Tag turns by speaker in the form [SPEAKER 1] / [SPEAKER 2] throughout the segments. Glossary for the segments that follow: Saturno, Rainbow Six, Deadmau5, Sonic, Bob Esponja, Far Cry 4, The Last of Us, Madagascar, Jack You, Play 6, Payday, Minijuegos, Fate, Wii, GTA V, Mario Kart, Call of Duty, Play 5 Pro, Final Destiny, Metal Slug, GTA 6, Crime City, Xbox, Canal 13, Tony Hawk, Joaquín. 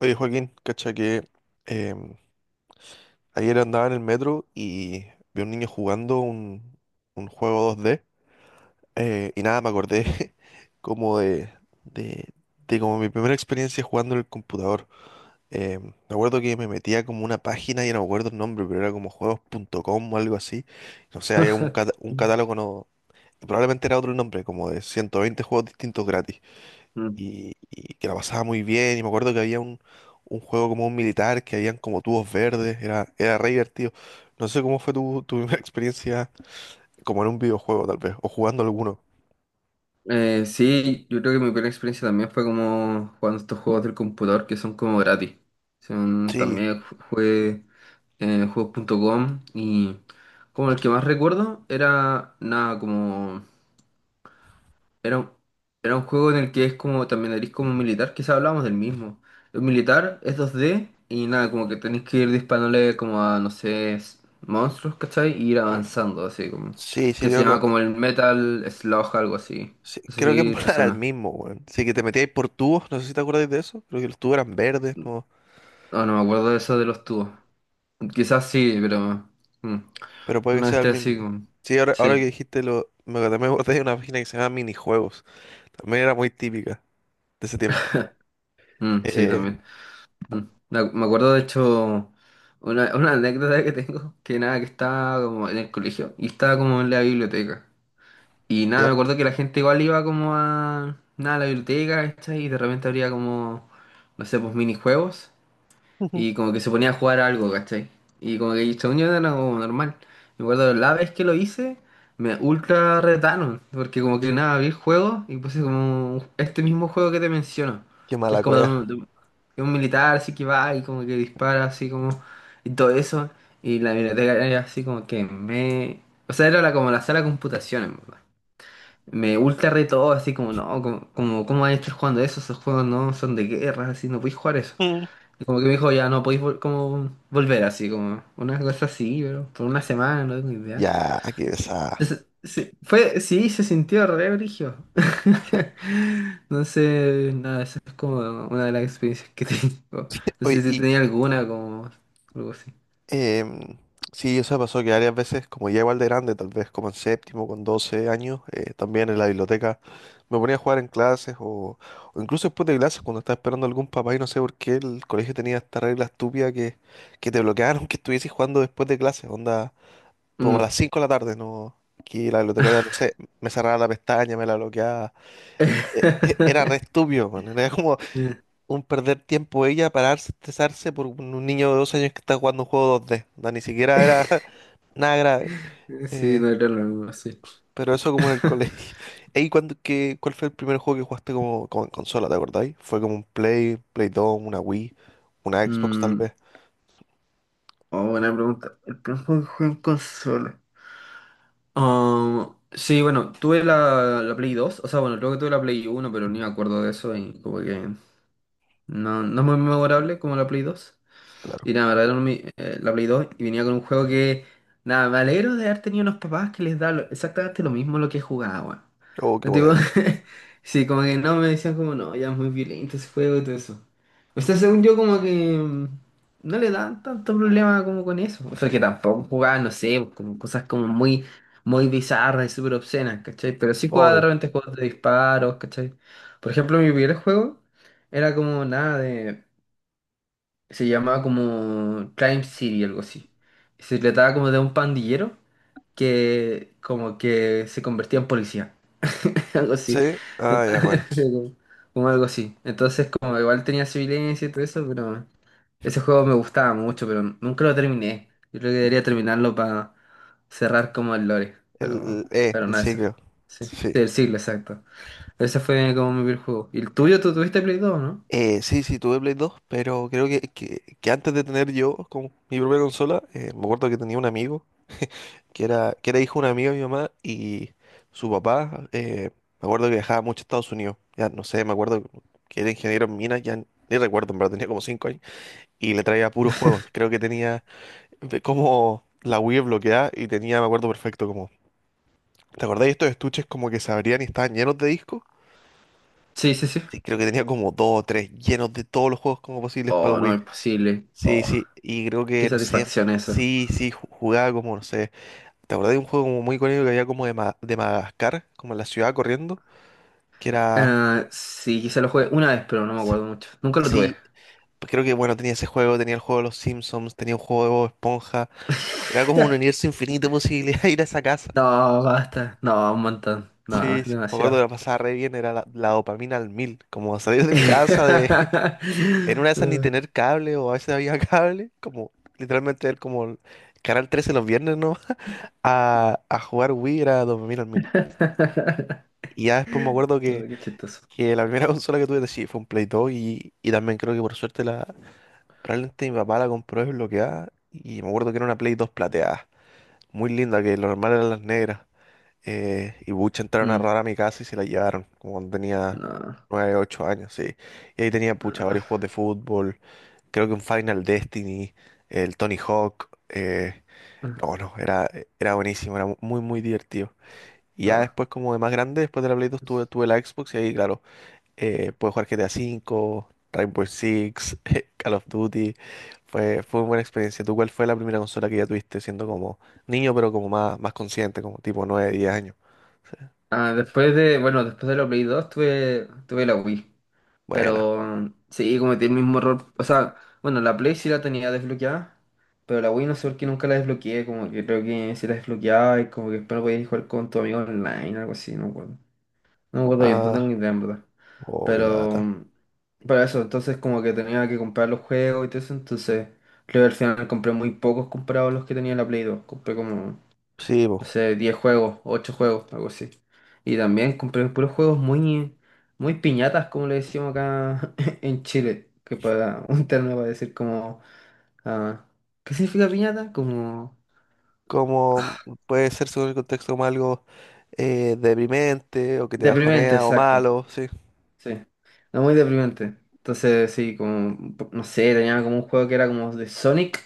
[SPEAKER 1] Oye, Joaquín, cacha que em, ayer andaba en el metro y vi a un niño jugando un juego 2D , y nada, me acordé como de, de como mi primera experiencia jugando en el computador. Me acuerdo que me metía como una página y no me acuerdo el nombre, pero era como juegos.com o algo así. No sé, había un catálogo, no, probablemente era otro nombre, como de 120 juegos distintos gratis
[SPEAKER 2] Mm.
[SPEAKER 1] y que la pasaba muy bien. Y me acuerdo que había un juego como un militar, que habían como tubos verdes, era re divertido. No sé cómo fue tu primera experiencia como en un videojuego, tal vez, o jugando alguno.
[SPEAKER 2] Sí, yo creo que mi primera experiencia también fue como jugando estos juegos del computador que son como gratis.
[SPEAKER 1] Sí,
[SPEAKER 2] También jugué juegos.com y como el que más recuerdo era nada como. Era un, Era un juego en el que es como también eres como un militar, quizá hablamos del mismo. El militar es 2D y nada, como que tenés que ir disparándole como a, no sé, monstruos, ¿cachai? Y ir avanzando, así como.
[SPEAKER 1] sí,
[SPEAKER 2] Que se llama como el Metal Slug, algo así.
[SPEAKER 1] sí,
[SPEAKER 2] No sé
[SPEAKER 1] creo que en
[SPEAKER 2] si te
[SPEAKER 1] volar era el
[SPEAKER 2] suena.
[SPEAKER 1] mismo, weón. Sí, que te metíais por tubos, no sé si te acordáis de eso, creo que los tubos eran verdes, no,
[SPEAKER 2] No, no me acuerdo de eso de los tubos. Quizás sí, pero mm,
[SPEAKER 1] pero puede que
[SPEAKER 2] no
[SPEAKER 1] sea el
[SPEAKER 2] esté así
[SPEAKER 1] mismo.
[SPEAKER 2] como.
[SPEAKER 1] Sí, ahora que
[SPEAKER 2] Sí,
[SPEAKER 1] dijiste lo, me acordé de una página que se llama Minijuegos, también era muy típica de ese tiempo.
[SPEAKER 2] mm, sí,
[SPEAKER 1] Eh,
[SPEAKER 2] también. Mm. Me acuerdo de hecho una anécdota que tengo, que nada, que estaba como en el colegio y estaba como en la biblioteca. Y nada, me
[SPEAKER 1] ya,
[SPEAKER 2] acuerdo que la gente igual iba como a, nada, a la biblioteca, ¿cachai? Y de repente habría como, no sé, pues minijuegos. Y como que se ponía a jugar algo, ¿cachai? Y como que según yo era como normal. Me acuerdo la vez que lo hice, me ultra retaron. Porque como que nada, vi el juego y puse como este mismo juego que te menciono.
[SPEAKER 1] qué
[SPEAKER 2] Que es
[SPEAKER 1] mala
[SPEAKER 2] como
[SPEAKER 1] cueva.
[SPEAKER 2] de un militar así que va y como que dispara así como... Y todo eso. Y la biblioteca era así como que me... O sea, era la, como la sala de computación, en verdad. Me ultra retó así como, no, como, ¿cómo vas a estar jugando eso? Esos juegos no son de guerra, así no puedes jugar eso. Y como que me dijo, ya no podéis como volver así, como una cosa así, pero por una semana, no tengo idea.
[SPEAKER 1] Ya, qué pesada.
[SPEAKER 2] Entonces, sí, fue, sí, se sintió re brígido. Entonces, nada, esa es como una de las experiencias que tengo. No
[SPEAKER 1] Oye,
[SPEAKER 2] sé si
[SPEAKER 1] y
[SPEAKER 2] tenía alguna, como algo así.
[SPEAKER 1] em, sí, o sea, pasó que varias veces, como ya igual de grande, tal vez como en séptimo, con 12 años, también en la biblioteca me ponía a jugar en clases o incluso después de clases, cuando estaba esperando a algún papá y no sé por qué el colegio tenía esta regla estúpida que te bloquearon que estuvieses jugando después de clases, onda, como a las
[SPEAKER 2] Mm.
[SPEAKER 1] 5 de la tarde, ¿no? Que la bibliotecaria, no sé, me cerraba la pestaña, me la bloqueaba. Era re estúpido, man. Era como, un perder tiempo ella para estresarse por un niño de 2 años que está jugando un juego 2D. No, ni siquiera era nada grave.
[SPEAKER 2] Sí,
[SPEAKER 1] Eh,
[SPEAKER 2] no era lo mismo, sí.
[SPEAKER 1] pero eso como en el colegio. Ey, cuál fue el primer juego que jugaste como en consola, te acordáis? ¿Fue como un Play 2, una Wii, una Xbox tal
[SPEAKER 2] Mm,
[SPEAKER 1] vez?
[SPEAKER 2] oh, buena pregunta. El tiempo que jugué en consola. Ah, sí, bueno, tuve la Play 2, o sea, bueno, creo que tuve la Play 1 pero ni me acuerdo de eso y como que no, no es muy memorable como la Play 2.
[SPEAKER 1] Claro.
[SPEAKER 2] Y nada, me regalaron la Play 2 y venía con un juego que, nada, me alegro de haber tenido unos papás que les da exactamente lo mismo lo que jugaba, weón.
[SPEAKER 1] Oh, qué
[SPEAKER 2] No, tipo,
[SPEAKER 1] buena.
[SPEAKER 2] sí, como que no, me decían como, no, ya es muy violento ese juego y todo eso. O sea, según yo, como que no le dan tanto problema como con eso. O sea, que tampoco jugaba, no sé, pues, como cosas como muy, muy bizarras y súper obscenas, ¿cachai? Pero sí jugaba de
[SPEAKER 1] Obvio.
[SPEAKER 2] repente juegos de disparos, ¿cachai? Por ejemplo, mi primer juego era como nada de, se llamaba como Crime City, algo así. Y se trataba como de un pandillero que como que se convertía en policía, algo así.
[SPEAKER 1] Sí. Ah, ya,
[SPEAKER 2] Entonces,
[SPEAKER 1] bueno.
[SPEAKER 2] como, como algo así. Entonces, como igual tenía su violencia y todo eso, pero ese juego me gustaba mucho, pero nunca lo terminé. Yo creo que debería terminarlo para cerrar como el lore,
[SPEAKER 1] El, el, eh,
[SPEAKER 2] pero
[SPEAKER 1] el
[SPEAKER 2] nada, eso fue.
[SPEAKER 1] ciclo.
[SPEAKER 2] Sí,
[SPEAKER 1] Sí.
[SPEAKER 2] sí, el siglo, exacto. Ese fue como mi primer juego. ¿Y el tuyo? ¿Tú tuviste Play 2, no?
[SPEAKER 1] Sí, sí, tuve Play 2, pero creo que antes de tener yo como mi propia consola, me acuerdo que tenía un amigo que era hijo de un amigo de mi mamá y su papá, me acuerdo que viajaba mucho a Estados Unidos, ya no sé, me acuerdo que era ingeniero en minas, ya ni recuerdo, pero tenía como 5 años, y le traía puros juegos, creo que tenía como la Wii bloqueada y tenía, me acuerdo perfecto, como, ¿te acordáis de estos estuches como que se abrían y estaban llenos de discos?
[SPEAKER 2] Sí, sí, sí.
[SPEAKER 1] Sí, creo que tenía como dos o tres llenos de todos los juegos como posibles para
[SPEAKER 2] Oh,
[SPEAKER 1] el
[SPEAKER 2] no,
[SPEAKER 1] Wii.
[SPEAKER 2] imposible.
[SPEAKER 1] Sí,
[SPEAKER 2] Oh.
[SPEAKER 1] sí, y creo
[SPEAKER 2] Qué
[SPEAKER 1] que, no sé,
[SPEAKER 2] satisfacción eso.
[SPEAKER 1] sí, sí, jugaba como, no sé. ¿Te acordás de un juego como muy icónico que había como de Madagascar, como en la ciudad corriendo? Que era.
[SPEAKER 2] Ah, sí, quizá lo jugué una vez, pero no me
[SPEAKER 1] s-
[SPEAKER 2] acuerdo mucho. Nunca lo tuve.
[SPEAKER 1] Sí, pues creo que bueno, tenía ese juego, tenía el juego de los Simpsons, tenía un juego de Bob Esponja. Era como un universo infinito de posibilidades de ir a esa casa.
[SPEAKER 2] No, basta. No, un montón. No,
[SPEAKER 1] Sí, sí, me acuerdo que
[SPEAKER 2] demasiado.
[SPEAKER 1] la pasaba re bien, era la dopamina al mil. Como salir de mi casa de. En una de esas ni tener cable o a veces había cable. Como literalmente ver como el Canal 13 los viernes, ¿no? A jugar Wii era dopamina al mil. Y ya después me acuerdo que
[SPEAKER 2] Ay, qué chistoso.
[SPEAKER 1] que la primera consola que tuve sí fue un Play 2 y también creo que por suerte la probablemente mi papá la compró desbloqueada y me acuerdo que era una Play 2 plateada, muy linda, que lo normal eran las negras. Y bucha entraron a
[SPEAKER 2] Mm,
[SPEAKER 1] robar a mi casa y se la llevaron, como cuando tenía
[SPEAKER 2] no,
[SPEAKER 1] 9 8 años, sí. Y ahí tenía pucha
[SPEAKER 2] no,
[SPEAKER 1] varios juegos de fútbol, creo que un Final Destiny, el Tony Hawk, no, no, era buenísimo, era muy muy divertido. Y ya
[SPEAKER 2] no.
[SPEAKER 1] después como de más grande, después de la Play 2 tuve la Xbox y ahí claro pude jugar GTA V, Rainbow Six, Call of Duty. Fue una buena experiencia. ¿Tú cuál fue la primera consola que ya tuviste siendo como niño, pero como más, más consciente, como tipo 9 10 años? Sí.
[SPEAKER 2] Ah, después de, bueno, después de la Play 2 tuve la Wii.
[SPEAKER 1] Buena.
[SPEAKER 2] Pero sí, cometí el mismo error. O sea, bueno, la Play sí la tenía desbloqueada, pero la Wii no sé por qué nunca la desbloqueé. Como que creo que sí la desbloqueaba y como que después no podías jugar con tu amigo online, algo así, no me acuerdo. No me acuerdo bien, no tengo
[SPEAKER 1] Ah,
[SPEAKER 2] ni idea en verdad.
[SPEAKER 1] oh, qué
[SPEAKER 2] Pero,
[SPEAKER 1] lata.
[SPEAKER 2] pero eso, entonces como que tenía que comprar los juegos y todo eso, entonces creo que al final compré muy pocos comprados los que tenía en la Play 2. Compré como,
[SPEAKER 1] Sí, pues,
[SPEAKER 2] no sé, 10 juegos, 8 juegos, algo así. Y también compré puros juegos muy, muy piñatas, como le decimos acá en Chile, que para un término para decir como, ah, ¿qué significa piñata? Como
[SPEAKER 1] como puede ser según el contexto como algo deprimente o que te
[SPEAKER 2] deprimente,
[SPEAKER 1] bajonea o
[SPEAKER 2] exacto,
[SPEAKER 1] malo, sí.
[SPEAKER 2] sí, no muy deprimente. Entonces, sí, como, no sé, tenía como un juego que era como de Sonic,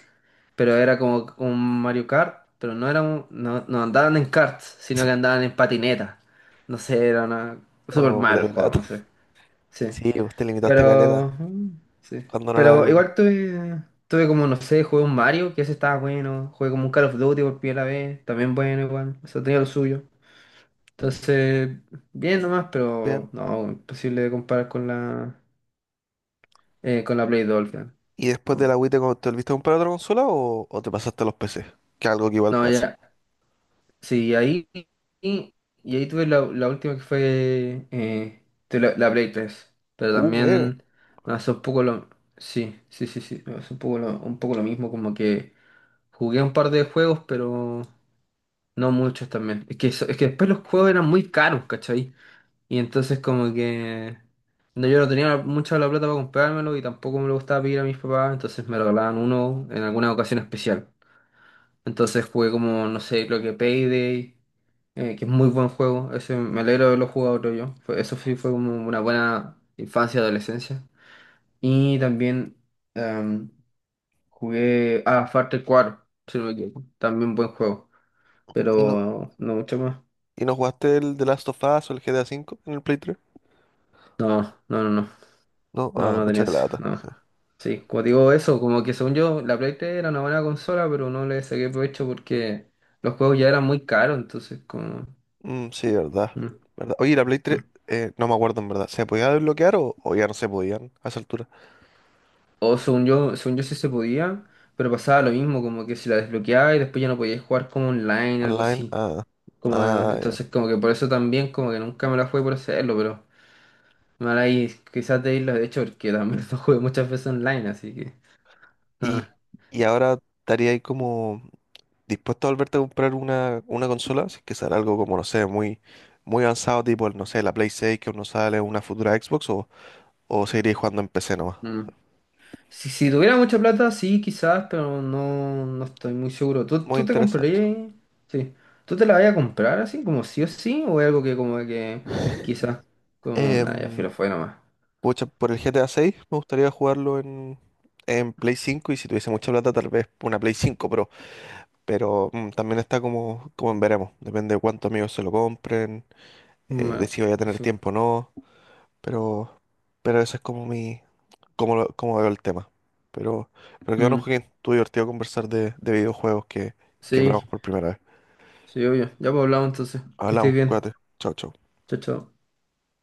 [SPEAKER 2] pero era como un Mario Kart, pero no, no andaban en karts, sino que andaban en patinetas. No sé, era una, súper
[SPEAKER 1] O
[SPEAKER 2] mal
[SPEAKER 1] puta,
[SPEAKER 2] el
[SPEAKER 1] qué
[SPEAKER 2] juego,
[SPEAKER 1] lata.
[SPEAKER 2] no sé, sí.
[SPEAKER 1] Sí, pues te limitaste caleta
[SPEAKER 2] Pero, sí.
[SPEAKER 1] cuando no la ves
[SPEAKER 2] Pero
[SPEAKER 1] lo que
[SPEAKER 2] igual tuve como, no sé, jugué un Mario, que ese estaba bueno. Jugué como un Call of Duty por primera vez, también bueno igual. Eso tenía lo suyo. Entonces, bien nomás,
[SPEAKER 1] bien.
[SPEAKER 2] pero no, imposible de comparar con la Play 2. Al final.
[SPEAKER 1] ¿Y después
[SPEAKER 2] Mm.
[SPEAKER 1] de la Wii te volviste a comprar otra consola o te pasaste a los PC? Que algo que igual
[SPEAKER 2] No,
[SPEAKER 1] pasa.
[SPEAKER 2] ya. Sí, ahí, y, y ahí tuve la última que fue, tuve la Play 3. Pero
[SPEAKER 1] Buena.
[SPEAKER 2] también me hace un poco lo... Sí, sí, sí, sí. Me hace un poco lo mismo, como que... Jugué un par de juegos, pero no muchos también. Es que después los juegos eran muy caros, ¿cachai? Y entonces como que... No, yo no tenía mucha la plata para comprármelo y tampoco me lo gustaba pedir a mis papás, entonces me regalaban uno en alguna ocasión especial. Entonces jugué como, no sé, creo que Payday, que es muy buen juego. Ese, me alegro de haberlo jugado creo yo. Eso sí fue como una buena infancia, adolescencia. Y también em, jugué a Far Cry 4, si no me equivoco. También buen juego,
[SPEAKER 1] ¿Y no,
[SPEAKER 2] pero no mucho más.
[SPEAKER 1] y no jugaste el The Last of Us o el GTA V en el Play 3?
[SPEAKER 2] No, no, no, no,
[SPEAKER 1] No,
[SPEAKER 2] no,
[SPEAKER 1] ah,
[SPEAKER 2] no
[SPEAKER 1] pucha
[SPEAKER 2] tenía
[SPEAKER 1] la
[SPEAKER 2] eso,
[SPEAKER 1] lata.
[SPEAKER 2] no. Sí, como digo eso, como que según yo, la Play 3 era una buena consola, pero no le saqué provecho porque los juegos ya eran muy caros, entonces como...
[SPEAKER 1] Mm, sí, verdad.
[SPEAKER 2] mm,
[SPEAKER 1] ¿Verdad? Oye, y la Play 3,
[SPEAKER 2] mm.
[SPEAKER 1] no me acuerdo en verdad. ¿Se podía desbloquear o ya no se podían a esa altura?
[SPEAKER 2] O según yo sí se podía, pero pasaba lo mismo, como que si la desbloqueaba y después ya no podías jugar como online, algo
[SPEAKER 1] Online,
[SPEAKER 2] así.
[SPEAKER 1] ah,
[SPEAKER 2] Como,
[SPEAKER 1] ah, ya.
[SPEAKER 2] entonces como que por eso también como que nunca me la jugué por hacerlo, pero mal ahí quizás de irlo de hecho porque también lo jugué muchas veces online, así que...
[SPEAKER 1] ¿Y,
[SPEAKER 2] ah,
[SPEAKER 1] y ahora estaría ahí como dispuesto a volverte a comprar una consola? Si es que sale algo como, no sé, muy, muy avanzado, tipo, no sé, la Play 6 que uno sale, una futura Xbox o seguiré jugando en PC nomás.
[SPEAKER 2] mm. Si, si tuviera mucha plata, sí, quizás, pero no, no estoy muy seguro. ¿Tú,
[SPEAKER 1] Muy
[SPEAKER 2] tú te
[SPEAKER 1] interesado.
[SPEAKER 2] comprarías? Sí. ¿Tú te la vas a comprar así, como sí o sí? ¿O es algo que como que quizás como... Nada, ya
[SPEAKER 1] Em,
[SPEAKER 2] filo, fue nomás.
[SPEAKER 1] Pucha, por el GTA 6 me gustaría jugarlo en Play 5 y si tuviese mucha plata tal vez una Play 5 Pro. Pero también está como, en veremos. Depende de cuántos amigos se lo compren,
[SPEAKER 2] Mm,
[SPEAKER 1] de si voy a tener
[SPEAKER 2] Eso.
[SPEAKER 1] tiempo o no. Pero, pero eso es como mi, como, como veo el tema. Pero, pero que bueno,
[SPEAKER 2] Mm,
[SPEAKER 1] Joaquín, estuvo divertido conversar de videojuegos que
[SPEAKER 2] sí,
[SPEAKER 1] probamos por primera vez.
[SPEAKER 2] sí, obvio. Ya pues hablamos entonces. Que
[SPEAKER 1] Hablamos,
[SPEAKER 2] estés bien.
[SPEAKER 1] cuídate. Chao, chao.
[SPEAKER 2] Chao, chao.